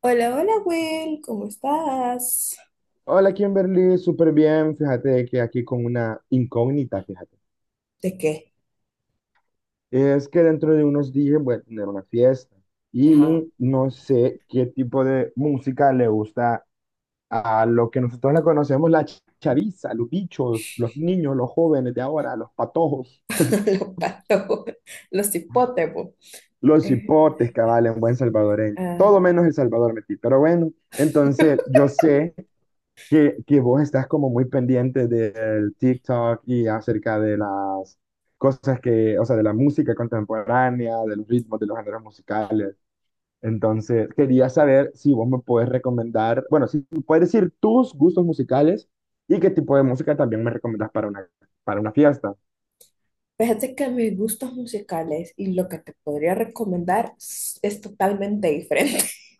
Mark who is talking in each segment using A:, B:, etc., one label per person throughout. A: Hola, hola, Will, ¿cómo estás?
B: Hola Kimberly, súper bien. Fíjate que aquí con una incógnita, fíjate.
A: ¿De qué?
B: Es que dentro de unos días voy a tener una fiesta
A: Ajá.
B: y no sé qué tipo de música le gusta a lo que nosotros la conocemos, la chaviza, los bichos, los niños, los jóvenes de ahora, los patojos,
A: Los patos, los hipótemos.
B: los
A: Eh,
B: hipotes, cabal, en buen salvadoreño. Todo
A: ajá.
B: menos El Salvador metí. Pero bueno, entonces yo sé que vos estás como muy pendiente del TikTok y acerca de las cosas que, o sea, de la música contemporánea, de los ritmos, de los géneros musicales. Entonces, quería saber si vos me puedes recomendar, bueno, si me puedes decir tus gustos musicales y qué tipo de música también me recomendas para una fiesta.
A: Fíjate que mis gustos musicales y lo que te podría recomendar es totalmente diferente.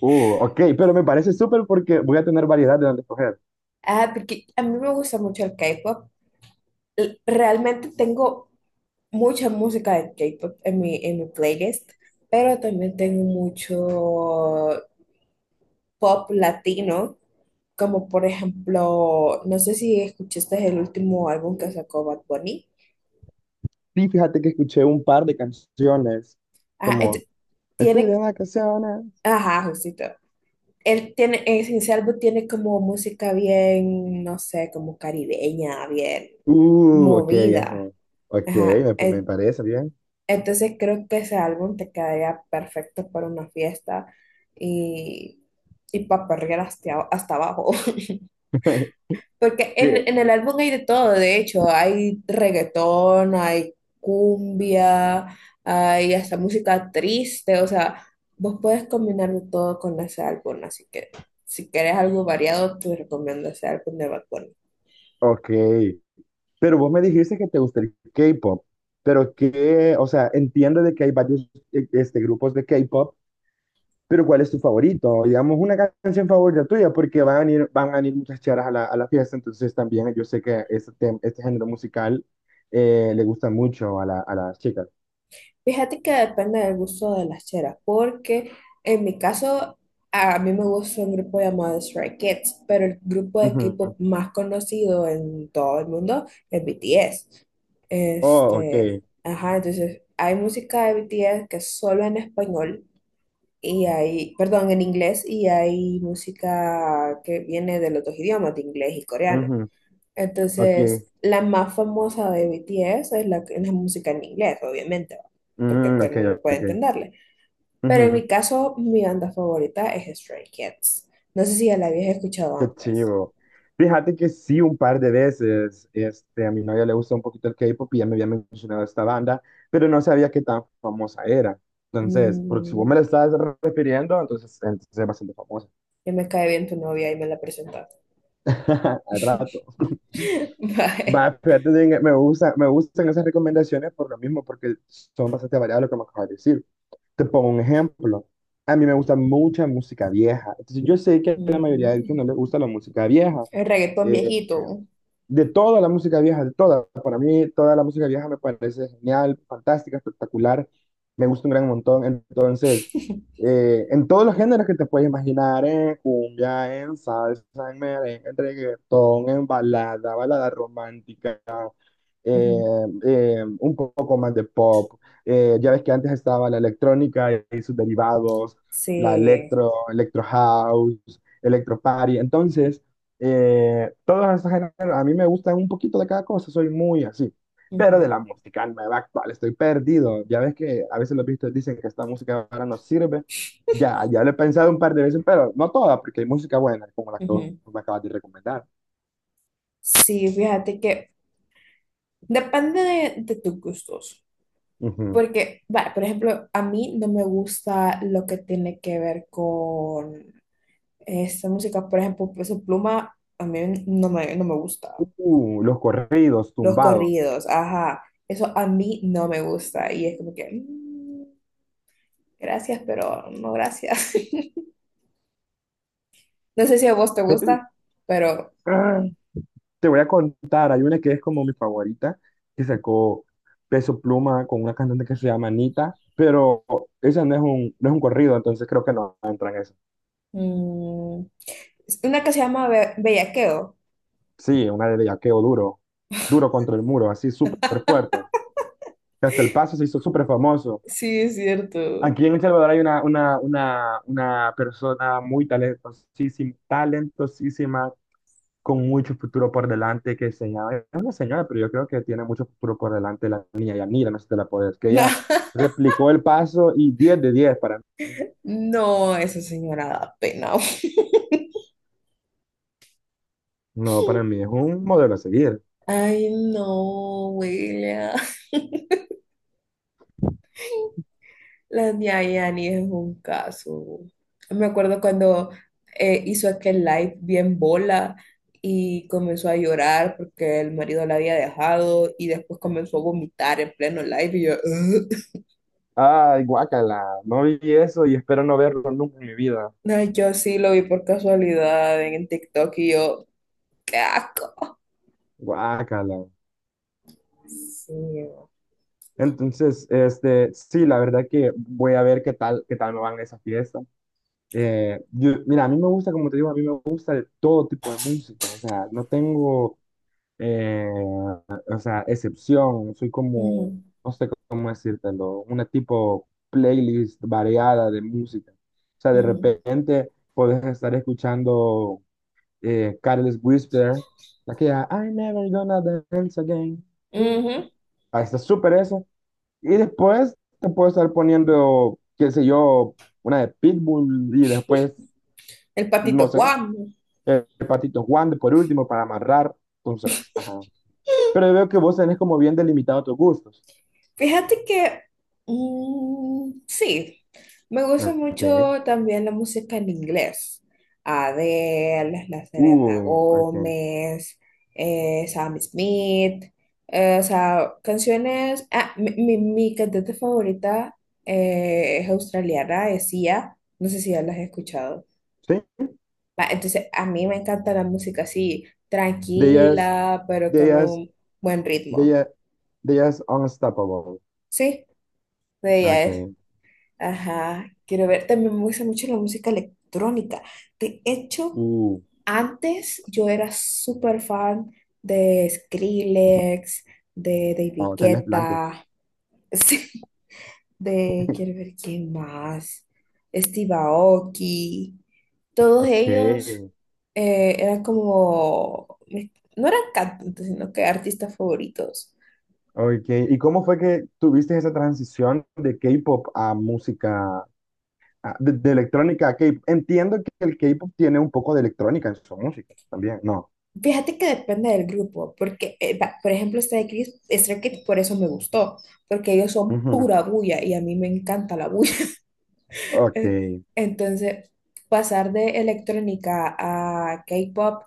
B: Ok, pero me parece súper porque voy a tener variedad de dónde escoger.
A: Ah, porque a mí me gusta mucho el K-pop. Realmente tengo mucha música de K-pop en en mi playlist, pero también tengo mucho pop latino. Como por ejemplo, no sé si escuchaste el último álbum que sacó Bad Bunny.
B: Sí, fíjate que escuché un par de canciones,
A: Ah,
B: como Me fui de
A: tiene,
B: vacaciones.
A: ajá, justito. Él tiene, en ese álbum tiene como música bien, no sé, como caribeña, bien
B: Ok, ajá.
A: movida.
B: Ok,
A: Ajá.
B: me parece bien.
A: Entonces creo que ese álbum te quedaría perfecto para una fiesta y, y para perrear hasta, hasta abajo. Porque
B: ¿Qué?
A: en el álbum hay de todo, de hecho, hay reggaetón, hay cumbia, hay hasta música triste, o sea, vos puedes combinarlo todo con ese álbum, así que si querés algo variado, te recomiendo ese álbum de Bad Bunny.
B: Ok. Pero vos me dijiste que te gusta el K-pop. Pero que, o sea, entiendo de que hay varios grupos de K-pop, pero ¿cuál es tu favorito? Digamos, una canción favorita tuya, porque van a venir muchas charas a a la fiesta, entonces también yo sé que este, este género musical le gusta mucho a, a las chicas.
A: Fíjate que depende del gusto de las cheras, porque en mi caso, a mí me gusta un grupo llamado Stray Kids, pero el grupo de
B: Ujú.
A: K-pop más conocido en todo el mundo es BTS.
B: Oh, ok.
A: Este, ajá, entonces hay música de BTS que es solo en español y hay, perdón, en inglés y hay música que viene de los dos idiomas, de inglés y coreano.
B: Ujú. Ok.
A: Entonces, la más famosa de BTS es la música en inglés, obviamente, ¿va? Porque
B: Mm,
A: todo
B: ok,
A: el mundo puede
B: ok.
A: entenderle. Pero en
B: Ujú.
A: mi caso, mi banda favorita es Stray Kids. No sé si ya la habías escuchado
B: Qué
A: antes.
B: chivo. Fíjate que sí, un par de veces, este, a mi novia le gusta un poquito el K-pop y ya me había mencionado esta banda, pero no sabía qué tan famosa era. Entonces, porque si vos
A: Mm,
B: me la estás refiriendo, entonces es bastante famosa.
A: ya me cae bien tu novia y me la presentaste.
B: Al rato.
A: Bye.
B: Va, fíjate, me gusta, me gustan esas recomendaciones por lo mismo, porque son bastante variadas lo que me acabas de decir. Te pongo un ejemplo. A mí me gusta mucha música vieja. Entonces, yo sé que a la mayoría de ellos no
A: Mm,
B: les gusta la música vieja.
A: el reggaetón
B: eh,
A: viejito.
B: de toda la música vieja, de toda. Para mí, toda la música vieja me parece genial, fantástica, espectacular. Me gusta un gran montón. Entonces, en todos los géneros que te puedes imaginar, en cumbia, en salsa, en merengue, en reggaetón, en balada, balada romántica, eh,
A: Ujú.
B: un poco más de pop. Ya ves que antes estaba la electrónica y sus derivados, la
A: Sí.
B: electro, electro house, electro party. Entonces, todos esos géneros, a mí me gustan un poquito de cada cosa, soy muy así. Pero de
A: Ujú,
B: la música nueva actual, estoy perdido. Ya ves que a veces los vistos dicen que esta música ahora no sirve. Ya lo he pensado un par de veces, pero no toda, porque hay música buena, como la que vos
A: ujú.
B: me acabas de recomendar.
A: Sí, fíjate que depende de tus gustos.
B: Ujú.
A: Porque, vale por ejemplo, a mí no me gusta lo que tiene que ver con esta música. Por ejemplo, Peso Pluma, a mí no me gusta.
B: Los corridos
A: Los
B: tumbados.
A: corridos, ajá. Eso a mí no me gusta. Y es como que, mm, gracias, pero no gracias. No sé si a vos te
B: Vete-
A: gusta, pero...
B: ¡Ah! Te voy a contar, hay una que es como mi favorita, que sacó Peso Pluma con una cantante que se llama Anita, pero esa no es no es un corrido, entonces creo que no entra en eso.
A: mm, es una que se llama Bellaqueo.
B: Sí, una de bellaqueo duro, duro contra el muro, así súper fuerte. Que hasta el paso se hizo súper famoso.
A: Sí, es cierto.
B: Aquí en El Salvador hay una persona muy talentosísima, talentosísima con mucho futuro por delante, que se llama, es una señora, pero yo creo que tiene mucho futuro por delante la niña Yanira, no sé si te la puedes, que
A: No,
B: ella replicó el paso y 10 de 10 para mí.
A: no, esa señora da pena.
B: No, para mí es un modelo a seguir.
A: Ay, no, William. La Nia Yani es un caso. Me acuerdo cuando hizo aquel live bien bola y comenzó a llorar porque el marido la había dejado y después comenzó a vomitar en pleno live y yo, "Ugh".
B: Ay, guácala, no vi eso y espero no verlo nunca en mi vida.
A: No, yo sí lo vi por casualidad en TikTok y yo, qué asco.
B: Guácala.
A: Sí.
B: Entonces, este, sí, la verdad que voy a ver qué tal me van esas fiestas. Mira, a mí me gusta, como te digo, a mí me gusta de todo tipo de música, o sea, no tengo o sea, excepción, soy
A: Ujú,
B: como, no sé cómo decírtelo, una tipo playlist variada de música. O sea, de
A: ujú,
B: repente puedes estar escuchando Careless Whisper, aquella I'm never gonna dance again. You".
A: ujú.
B: Ahí está súper eso. Y después te puedo estar poniendo, qué sé yo, una de Pitbull y después,
A: El patito
B: no sé,
A: Juan.
B: el Patito Juan de por último para amarrar. Entonces, ajá. Pero veo que vos tenés como bien delimitado tus gustos.
A: Fíjate que sí, me gusta
B: Ok,
A: mucho también la música en inglés. Adele, la Selena
B: ok.
A: Gómez, Sam Smith, o sea, canciones. Ah, mi cantante favorita es australiana, es Sia. No sé si ya las has escuchado.
B: Sí,
A: Va, entonces, a mí me encanta la música así,
B: de ellas,
A: tranquila, pero
B: de
A: con
B: ellas,
A: un buen
B: de
A: ritmo.
B: ellas, de ellas unstoppable.
A: Sí, de ella.
B: Ok,
A: Ajá, quiero ver. También me gusta mucho la música electrónica. De hecho,
B: uh,
A: antes yo era súper fan de Skrillex, de David
B: oh, tenés plante.
A: Guetta, sí, quiero ver quién más, Steve Aoki. Todos
B: Ok,
A: ellos eran como no eran cantantes, sino que artistas favoritos.
B: ok. ¿Y cómo fue que tuviste esa transición de K-pop a música, de electrónica a K-pop? Entiendo que el K-pop tiene un poco de electrónica en su música también, ¿no?
A: Fíjate que depende del grupo, porque, va, por ejemplo, este de Chris, Stray Kids, por eso me gustó, porque ellos son
B: Ujú.
A: pura bulla y a mí me encanta la bulla.
B: Ok,
A: Eh, Entonces, pasar de electrónica a K-pop,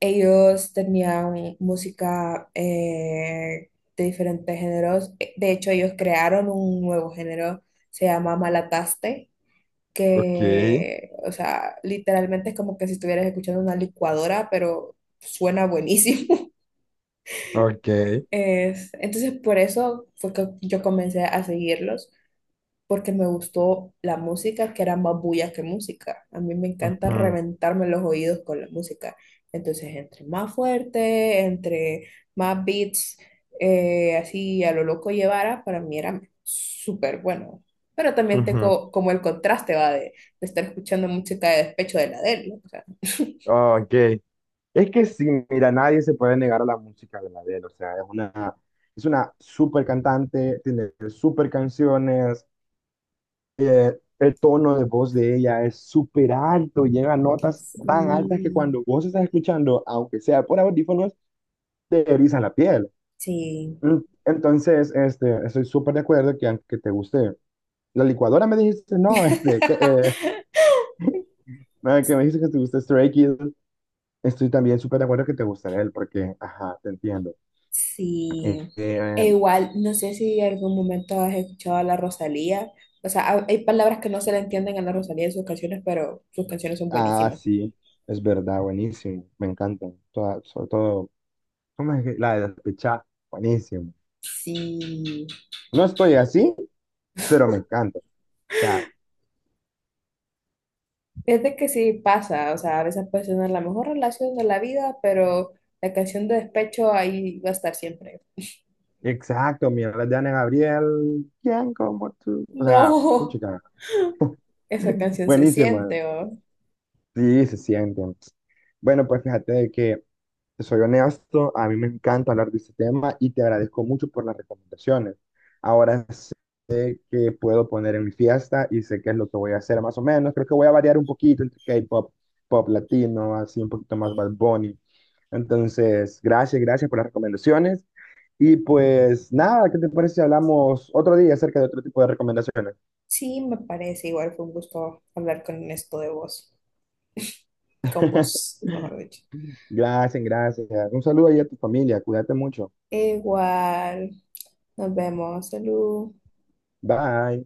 A: ellos tenían música de diferentes géneros. De hecho, ellos crearon un nuevo género, se llama Malataste,
B: ok,
A: que, o sea, literalmente es como que si estuvieras escuchando una licuadora, pero suena buenísimo.
B: ok,
A: Entonces, por eso fue que yo comencé a seguirlos, porque me gustó la música, que era más bulla que música. A mí me encanta
B: ujú,
A: reventarme los oídos con la música. Entonces, entre más fuerte, entre más beats, así a lo loco llevara, para mí era súper bueno. Pero también
B: ujú.
A: tengo como el contraste, va, de estar escuchando música de despecho de la Adele, ¿no? O sea,
B: Ah, ok. Es que sí, mira, nadie se puede negar a la música de Adele, o sea, es una súper cantante, tiene súper canciones, el tono de voz de ella es súper alto, llega a notas tan altas que
A: sí,
B: cuando vos estás escuchando, aunque sea por audífonos, te erizan la piel.
A: sí.
B: Mm, entonces, este, estoy súper de acuerdo que aunque te guste la licuadora, me dijiste, no, este, ah, que me dijiste que te gusta Stray Kids, estoy también súper de acuerdo que te gusta él, porque, ajá, te entiendo.
A: Sí,
B: Eh, eh,
A: e igual, no sé si en algún momento has escuchado a la Rosalía. O sea, hay palabras que no se le entienden a la Rosalía en sus canciones, pero sus canciones son
B: Ah,
A: buenísimas.
B: sí, es verdad, buenísimo, me encantan. Sobre todo, ¿cómo es que la de despechar? Buenísimo.
A: Sí,
B: No estoy así, pero me encanta. O sea,
A: fíjate que sí pasa, o sea, a veces puede tener la mejor relación de la vida, pero la canción de despecho ahí va a estar siempre.
B: exacto, mira de Ana Gabriel, ¿quién como tú? O sea,
A: No,
B: puchica,
A: esa canción se
B: buenísimo.
A: siente, ¿o?
B: Sí, se sienten. Bueno, pues fíjate de que te soy honesto, a mí me encanta hablar de este tema y te agradezco mucho por las recomendaciones. Ahora sé qué puedo poner en mi fiesta y sé qué es lo que voy a hacer más o menos. Creo que voy a variar un poquito entre K-pop, pop latino, así un poquito más Bad Bunny. Entonces, gracias por las recomendaciones. Y pues nada, ¿qué te parece si hablamos otro día acerca de otro tipo de recomendaciones?
A: Sí, me parece, igual fue un gusto hablar con esto de vos, con vos, mejor dicho.
B: Gracias. Un saludo ahí a tu familia. Cuídate mucho.
A: Igual, nos vemos, salud.
B: Bye.